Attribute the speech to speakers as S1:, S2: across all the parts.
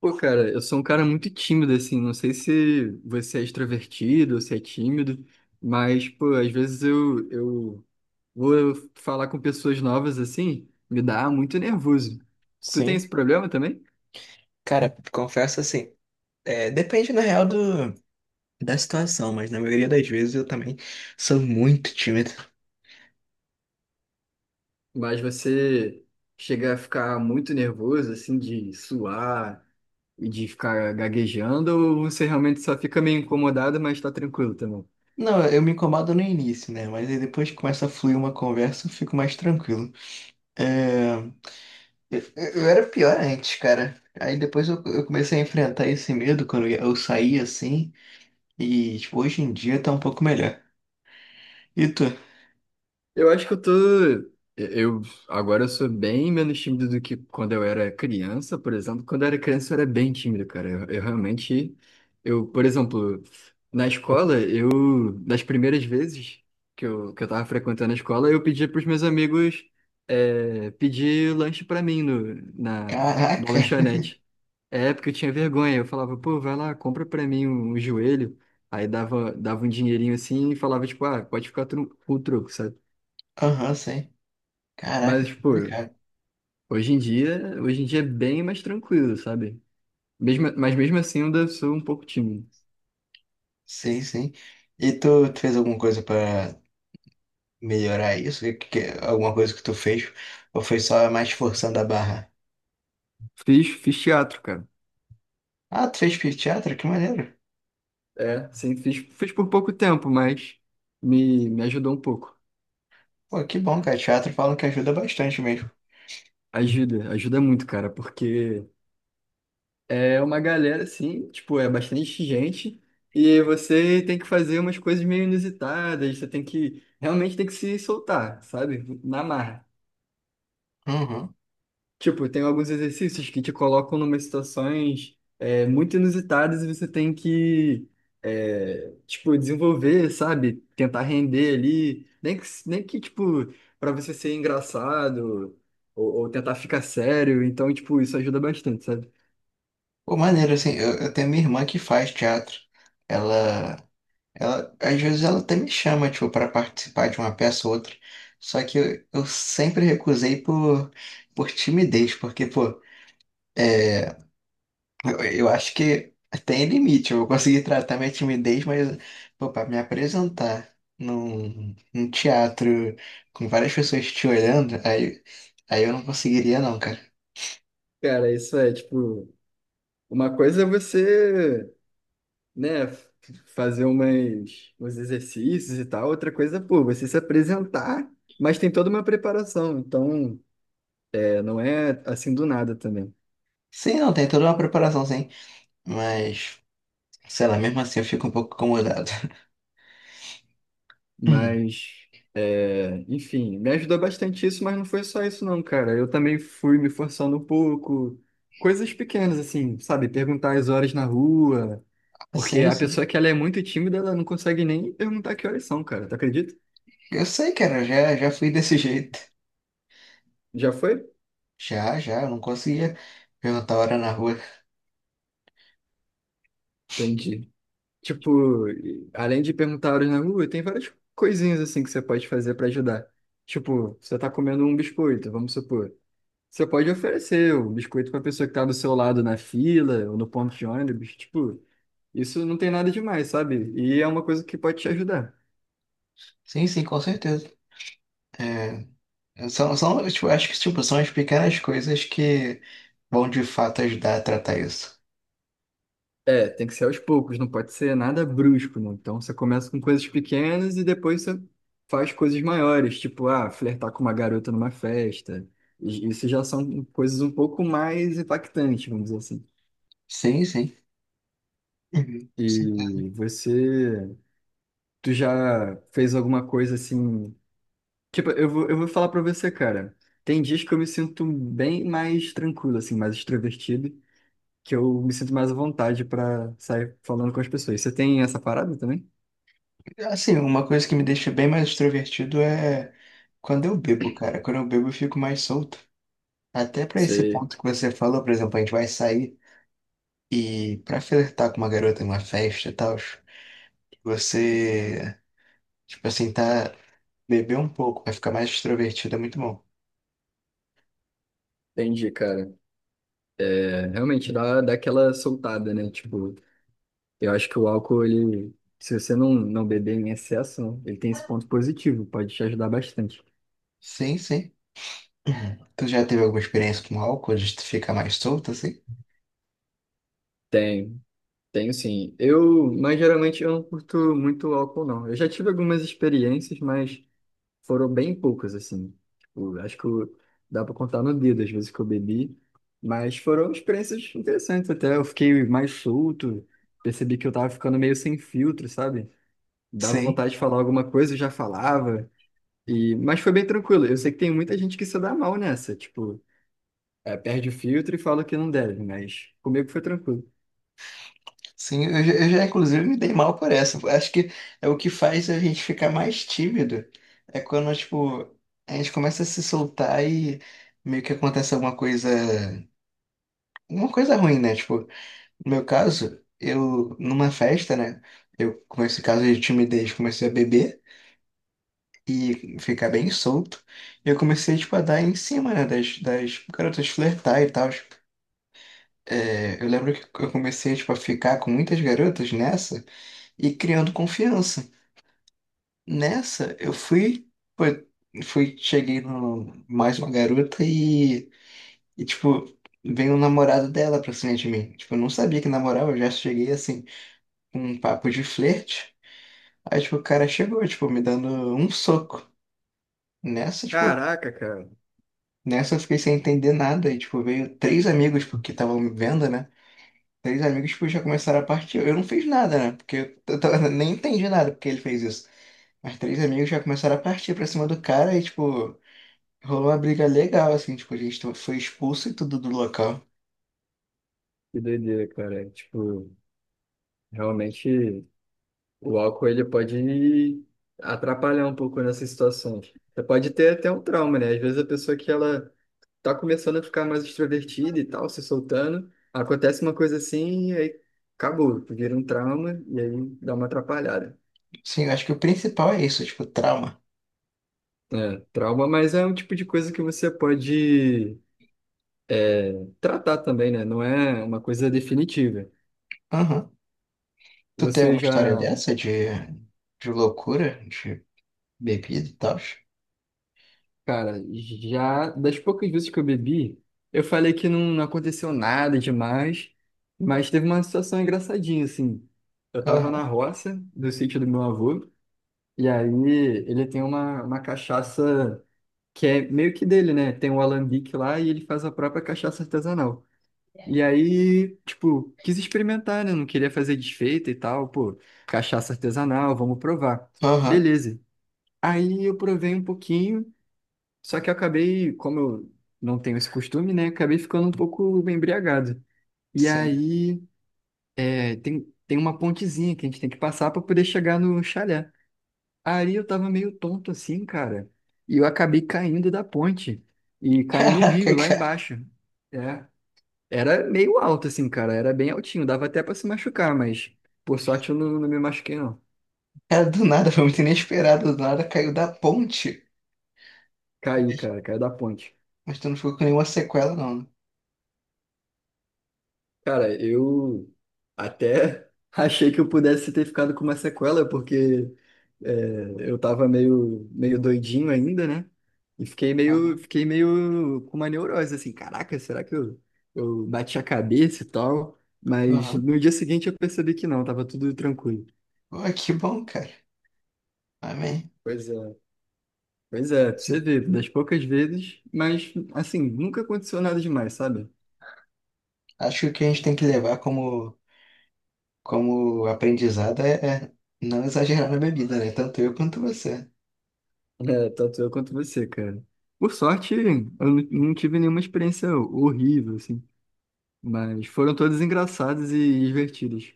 S1: Pô, cara, eu sou um cara muito tímido, assim. Não sei se você é extrovertido ou se é tímido, mas, pô, às vezes eu vou falar com pessoas novas, assim, me dá muito nervoso. Tu tem
S2: Sim.
S1: esse problema também?
S2: Cara, confesso assim, depende na real da situação, mas na maioria das vezes eu também sou muito tímido.
S1: Mas você chega a ficar muito nervoso, assim, de suar e de ficar gaguejando, ou você realmente só fica meio incomodado, mas tá tranquilo também?
S2: Não, eu me incomodo no início, né? Mas aí depois que começa a fluir uma conversa, eu fico mais tranquilo. É, eu, eu era pior antes, cara. Aí depois eu comecei a enfrentar esse medo quando eu saí assim, e tipo, hoje em dia tá um pouco melhor. E tu?
S1: Eu acho que eu tô. Eu agora eu sou bem menos tímido do que quando eu era criança, por exemplo. Quando eu era criança eu era bem tímido, cara. Eu realmente, eu, por exemplo, na escola, eu das primeiras vezes que eu tava frequentando a escola, eu pedia pros meus amigos pedir lanche pra mim no, na, na
S2: Caraca!
S1: lanchonete. É, porque eu tinha vergonha. Eu falava, pô, vai lá, compra pra mim um, um joelho. Aí dava, dava um dinheirinho assim e falava, tipo, ah, pode ficar com o troco, sabe?
S2: Aham, sim. Caraca,
S1: Mas, tipo,
S2: complicado.
S1: hoje em dia é bem mais tranquilo, sabe? Mesmo, mas mesmo assim eu ainda sou um pouco tímido.
S2: Sim, sim. E tu fez alguma coisa pra melhorar isso? Alguma coisa que tu fez? Ou foi só mais forçando a barra?
S1: Fiz, fiz teatro, cara.
S2: Ah, tu fez teatro? Que maneiro.
S1: É, sim, fiz, fiz por pouco tempo, mas me ajudou um pouco.
S2: Pô, que bom, cara. Teatro falam que ajuda bastante mesmo.
S1: Ajuda, ajuda muito, cara, porque é uma galera, assim, tipo, é bastante gente e você tem que fazer umas coisas meio inusitadas, você tem que, realmente tem que se soltar, sabe? Na marra.
S2: Uhum.
S1: Tipo, tem alguns exercícios que te colocam numa situações muito inusitadas e você tem que, é, tipo, desenvolver, sabe? Tentar render ali. Nem que, nem que tipo, para você ser engraçado ou tentar ficar sério. Então, tipo, isso ajuda bastante, sabe?
S2: Pô, maneiro, assim, eu tenho minha irmã que faz teatro. Ela, às vezes ela até me chama, tipo, para participar de uma peça ou outra. Só que eu sempre recusei por timidez, porque, pô, eu acho que tem limite. Eu vou conseguir tratar minha timidez, mas, pô, pra me apresentar num teatro com várias pessoas te olhando, aí eu não conseguiria, não, cara.
S1: Cara, isso é, tipo, uma coisa é você, né, fazer umas, uns exercícios e tal. Outra coisa, é, pô, você se apresentar, mas tem toda uma preparação. Então. Não é assim do nada também.
S2: Sim, não, tem toda uma preparação, sim. Mas, sei lá, mesmo assim eu fico um pouco incomodado. Hum.
S1: Mas, é, enfim, me ajudou bastante isso, mas não foi só isso não, cara. Eu também fui me forçando um pouco. Coisas pequenas, assim, sabe? Perguntar as horas na rua. Porque
S2: Sim,
S1: a
S2: sim.
S1: pessoa que ela é muito tímida, ela não consegue nem perguntar que horas são, cara. Tu acredita?
S2: Eu sei, cara, já fui desse jeito.
S1: Já foi?
S2: Já, já, eu não conseguia perguntar a hora na rua.
S1: Entendi. Tipo, além de perguntar horas na rua, tem várias coisinhas assim que você pode fazer pra ajudar. Tipo, você tá comendo um biscoito, vamos supor. Você pode oferecer o biscoito pra pessoa que tá do seu lado na fila ou no ponto de ônibus. Tipo, isso não tem nada demais, sabe? E é uma coisa que pode te ajudar.
S2: Sim, sim, com certeza. É, são, tipo, são as pequenas coisas que vão de fato ajudar a tratar isso.
S1: É, tem que ser aos poucos, não pode ser nada brusco, não. Então você começa com coisas pequenas e depois você faz coisas maiores, tipo, ah, flertar com uma garota numa festa. Isso já são coisas um pouco mais impactantes, vamos dizer assim.
S2: Sim, sim. Uhum. Sim, tá.
S1: E você, tu já fez alguma coisa assim? Tipo, eu vou falar pra você, cara. Tem dias que eu me sinto bem mais tranquilo, assim, mais extrovertido, que eu me sinto mais à vontade pra sair falando com as pessoas. Você tem essa parada também?
S2: Assim, uma coisa que me deixa bem mais extrovertido é quando eu bebo, cara. Quando eu bebo, eu fico mais solto. Até pra esse
S1: Você
S2: ponto que você falou, por exemplo, a gente vai sair e pra flertar com uma garota numa festa e tal, você, tipo assim, tá beber um pouco, vai ficar mais extrovertido, é muito bom.
S1: Entendi, cara. É, realmente dá, dá aquela soltada, né? Tipo, eu acho que o álcool, ele, se você não, não beber em excesso, ele tem esse ponto positivo, pode te ajudar bastante.
S2: Sim, sim. Uhum. Tu já teve alguma experiência com álcool de tu ficar mais solto assim?
S1: Tem, tenho sim. Eu, mas geralmente eu não curto muito álcool, não. Eu já tive algumas experiências, mas. Foram bem poucas, assim. Tipo, acho dá pra contar no dedo as vezes que eu bebi. Mas foram experiências interessantes até. Eu fiquei mais solto, percebi que eu tava ficando meio sem filtro, sabe? Dava
S2: Sei,
S1: vontade de falar alguma coisa, eu já falava. E... Mas foi bem tranquilo. Eu sei que tem muita gente que se dá mal nessa. Tipo, é, perde o filtro e fala que não deve, mas comigo foi tranquilo.
S2: sim, eu já inclusive me dei mal por essa. Acho que é o que faz a gente ficar mais tímido. É quando, tipo, a gente começa a se soltar e meio que acontece alguma coisa, uma coisa ruim, né? Tipo, no meu caso, eu, numa festa, né? Eu, com esse caso de timidez, comecei a beber e ficar bem solto. E eu comecei, tipo, a dar em cima, né? Das garotas flertar e tal. É, eu lembro que eu comecei, tipo, a ficar com muitas garotas nessa. E criando confiança. Nessa, eu fui, foi, fui cheguei no mais uma garota e tipo, veio o namorado dela pra cima de mim. Tipo, eu não sabia que namorava, eu já cheguei assim, com um papo de flerte. Aí, tipo, o cara chegou, tipo, me dando um soco. Nessa, tipo,
S1: Caraca, cara.
S2: nessa eu fiquei sem entender nada. E, tipo, veio três amigos, tipo, que estavam me vendo, né? Três amigos, tipo, já começaram a partir. Eu não fiz nada, né? Porque eu tava- nem entendi nada porque ele fez isso. As três amigas já começaram a partir pra cima do cara e, tipo, rolou uma briga legal, assim, tipo, a gente to- foi expulso e tudo do local.
S1: Que doideira, cara. Tipo, realmente. O álcool ele pode atrapalhar um pouco nessas situações. Você pode ter até um trauma, né? Às vezes a pessoa que ela tá começando a ficar mais extrovertida e tal, se soltando, acontece uma coisa assim e aí acabou, vira um trauma e aí dá uma atrapalhada.
S2: Sim, eu acho que o principal é isso, tipo, trauma.
S1: É, trauma, mas é um tipo de coisa que você pode é, tratar também, né? Não é uma coisa definitiva.
S2: Aham. Tu tem
S1: Você
S2: alguma
S1: já
S2: história dessa de loucura, de bebida e tal?
S1: Cara, já das poucas vezes que eu bebi, eu falei que não, não aconteceu nada demais, mas teve uma situação engraçadinha, assim. Eu tava na
S2: Aham.
S1: roça do sítio do meu avô, e aí ele tem uma cachaça que é meio que dele, né? Tem um alambique lá e ele faz a própria cachaça artesanal. E aí, tipo, quis experimentar, né? Não queria fazer desfeita e tal, pô, cachaça artesanal, vamos provar.
S2: Aham.
S1: Beleza. Aí eu provei um pouquinho. Só que eu acabei, como eu não tenho esse costume, né? Acabei ficando um pouco embriagado. E
S2: Sim.
S1: aí é, tem, tem uma pontezinha que a gente tem que passar para poder chegar no chalé. Aí eu tava meio tonto assim, cara. E eu acabei caindo da ponte e caí no
S2: Caraca,
S1: rio lá
S2: cara.
S1: embaixo. É, era meio alto assim, cara. Era bem altinho. Dava até para se machucar, mas por sorte eu não, não me machuquei, não.
S2: Cara, do nada, foi muito inesperado, do nada caiu da ponte.
S1: Caí, cara. Caí da ponte.
S2: Mas tu não ficou com nenhuma sequela, não, né?
S1: Cara, eu até achei que eu pudesse ter ficado com uma sequela, porque é, eu tava meio, meio doidinho ainda, né? E
S2: Aham.
S1: fiquei meio com uma neurose, assim, caraca, será que eu bati a cabeça e tal? Mas
S2: Aham.
S1: no dia seguinte eu percebi que não, tava tudo tranquilo.
S2: Pô, que bom, cara. Amém.
S1: Pois é. Pois é, pra você
S2: Sim.
S1: vê, das poucas vezes, mas assim, nunca aconteceu nada demais, sabe?
S2: Acho que o que a gente tem que levar como aprendizado é não exagerar na bebida, né? Tanto eu quanto você.
S1: É, tanto eu quanto você, cara. Por sorte, eu não não tive nenhuma experiência horrível, assim. Mas foram todas engraçadas e divertidas.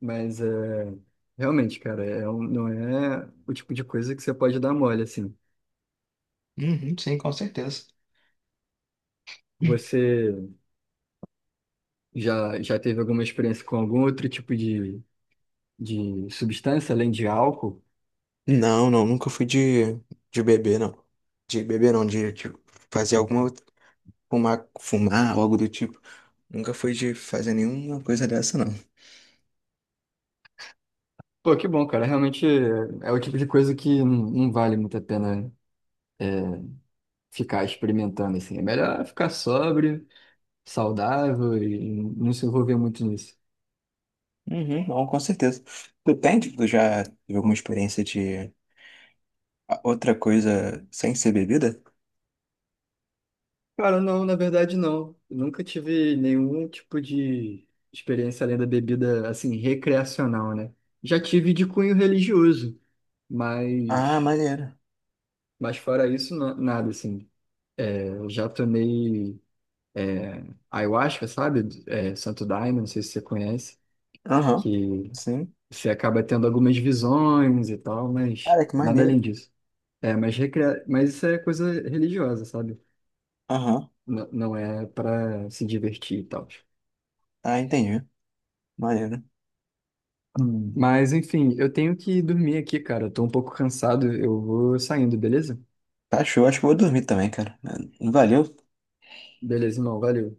S1: Mas é, realmente, cara, é, não é o tipo de coisa que você pode dar mole, assim.
S2: Uhum, sim, com certeza.
S1: Você já, já teve alguma experiência com algum outro tipo de substância, além de álcool?
S2: Não, não, nunca fui de beber, não. De beber, não, de fazer alguma. Outra- Fumar, fumar, algo do tipo. Nunca fui de fazer nenhuma coisa dessa, não.
S1: Pô, que bom, cara. Realmente é, é o tipo de coisa que não, não vale muito a pena ficar experimentando, assim. É melhor ficar sóbrio saudável e não se envolver muito nisso?
S2: Uhum, não, com certeza. Tu tem, tipo, tu já teve alguma experiência de a- outra coisa sem ser bebida?
S1: Cara, não, na verdade não. Eu nunca tive nenhum tipo de experiência além da bebida, assim, recreacional, né? Já tive de cunho religioso,
S2: Ah,
S1: mas,
S2: maneiro.
S1: mas fora isso, nada, assim. Eu já tomei ayahuasca, sabe? É, Santo Daime, não sei se você conhece,
S2: Aham,
S1: que
S2: sim.
S1: você acaba tendo algumas visões e tal, mas
S2: Cara, que
S1: nada
S2: maneiro.
S1: além disso. É, mas, mas isso é coisa religiosa, sabe?
S2: Aham,
S1: Não, não é para se divertir e tal.
S2: ah, entendi. Maneiro. Hum,
S1: Mas, enfim, eu tenho que dormir aqui, cara. Eu tô um pouco cansado. Eu vou saindo, beleza?
S2: tá show, acho que eu vou dormir também, cara. Valeu
S1: Beleza, irmão. Valeu.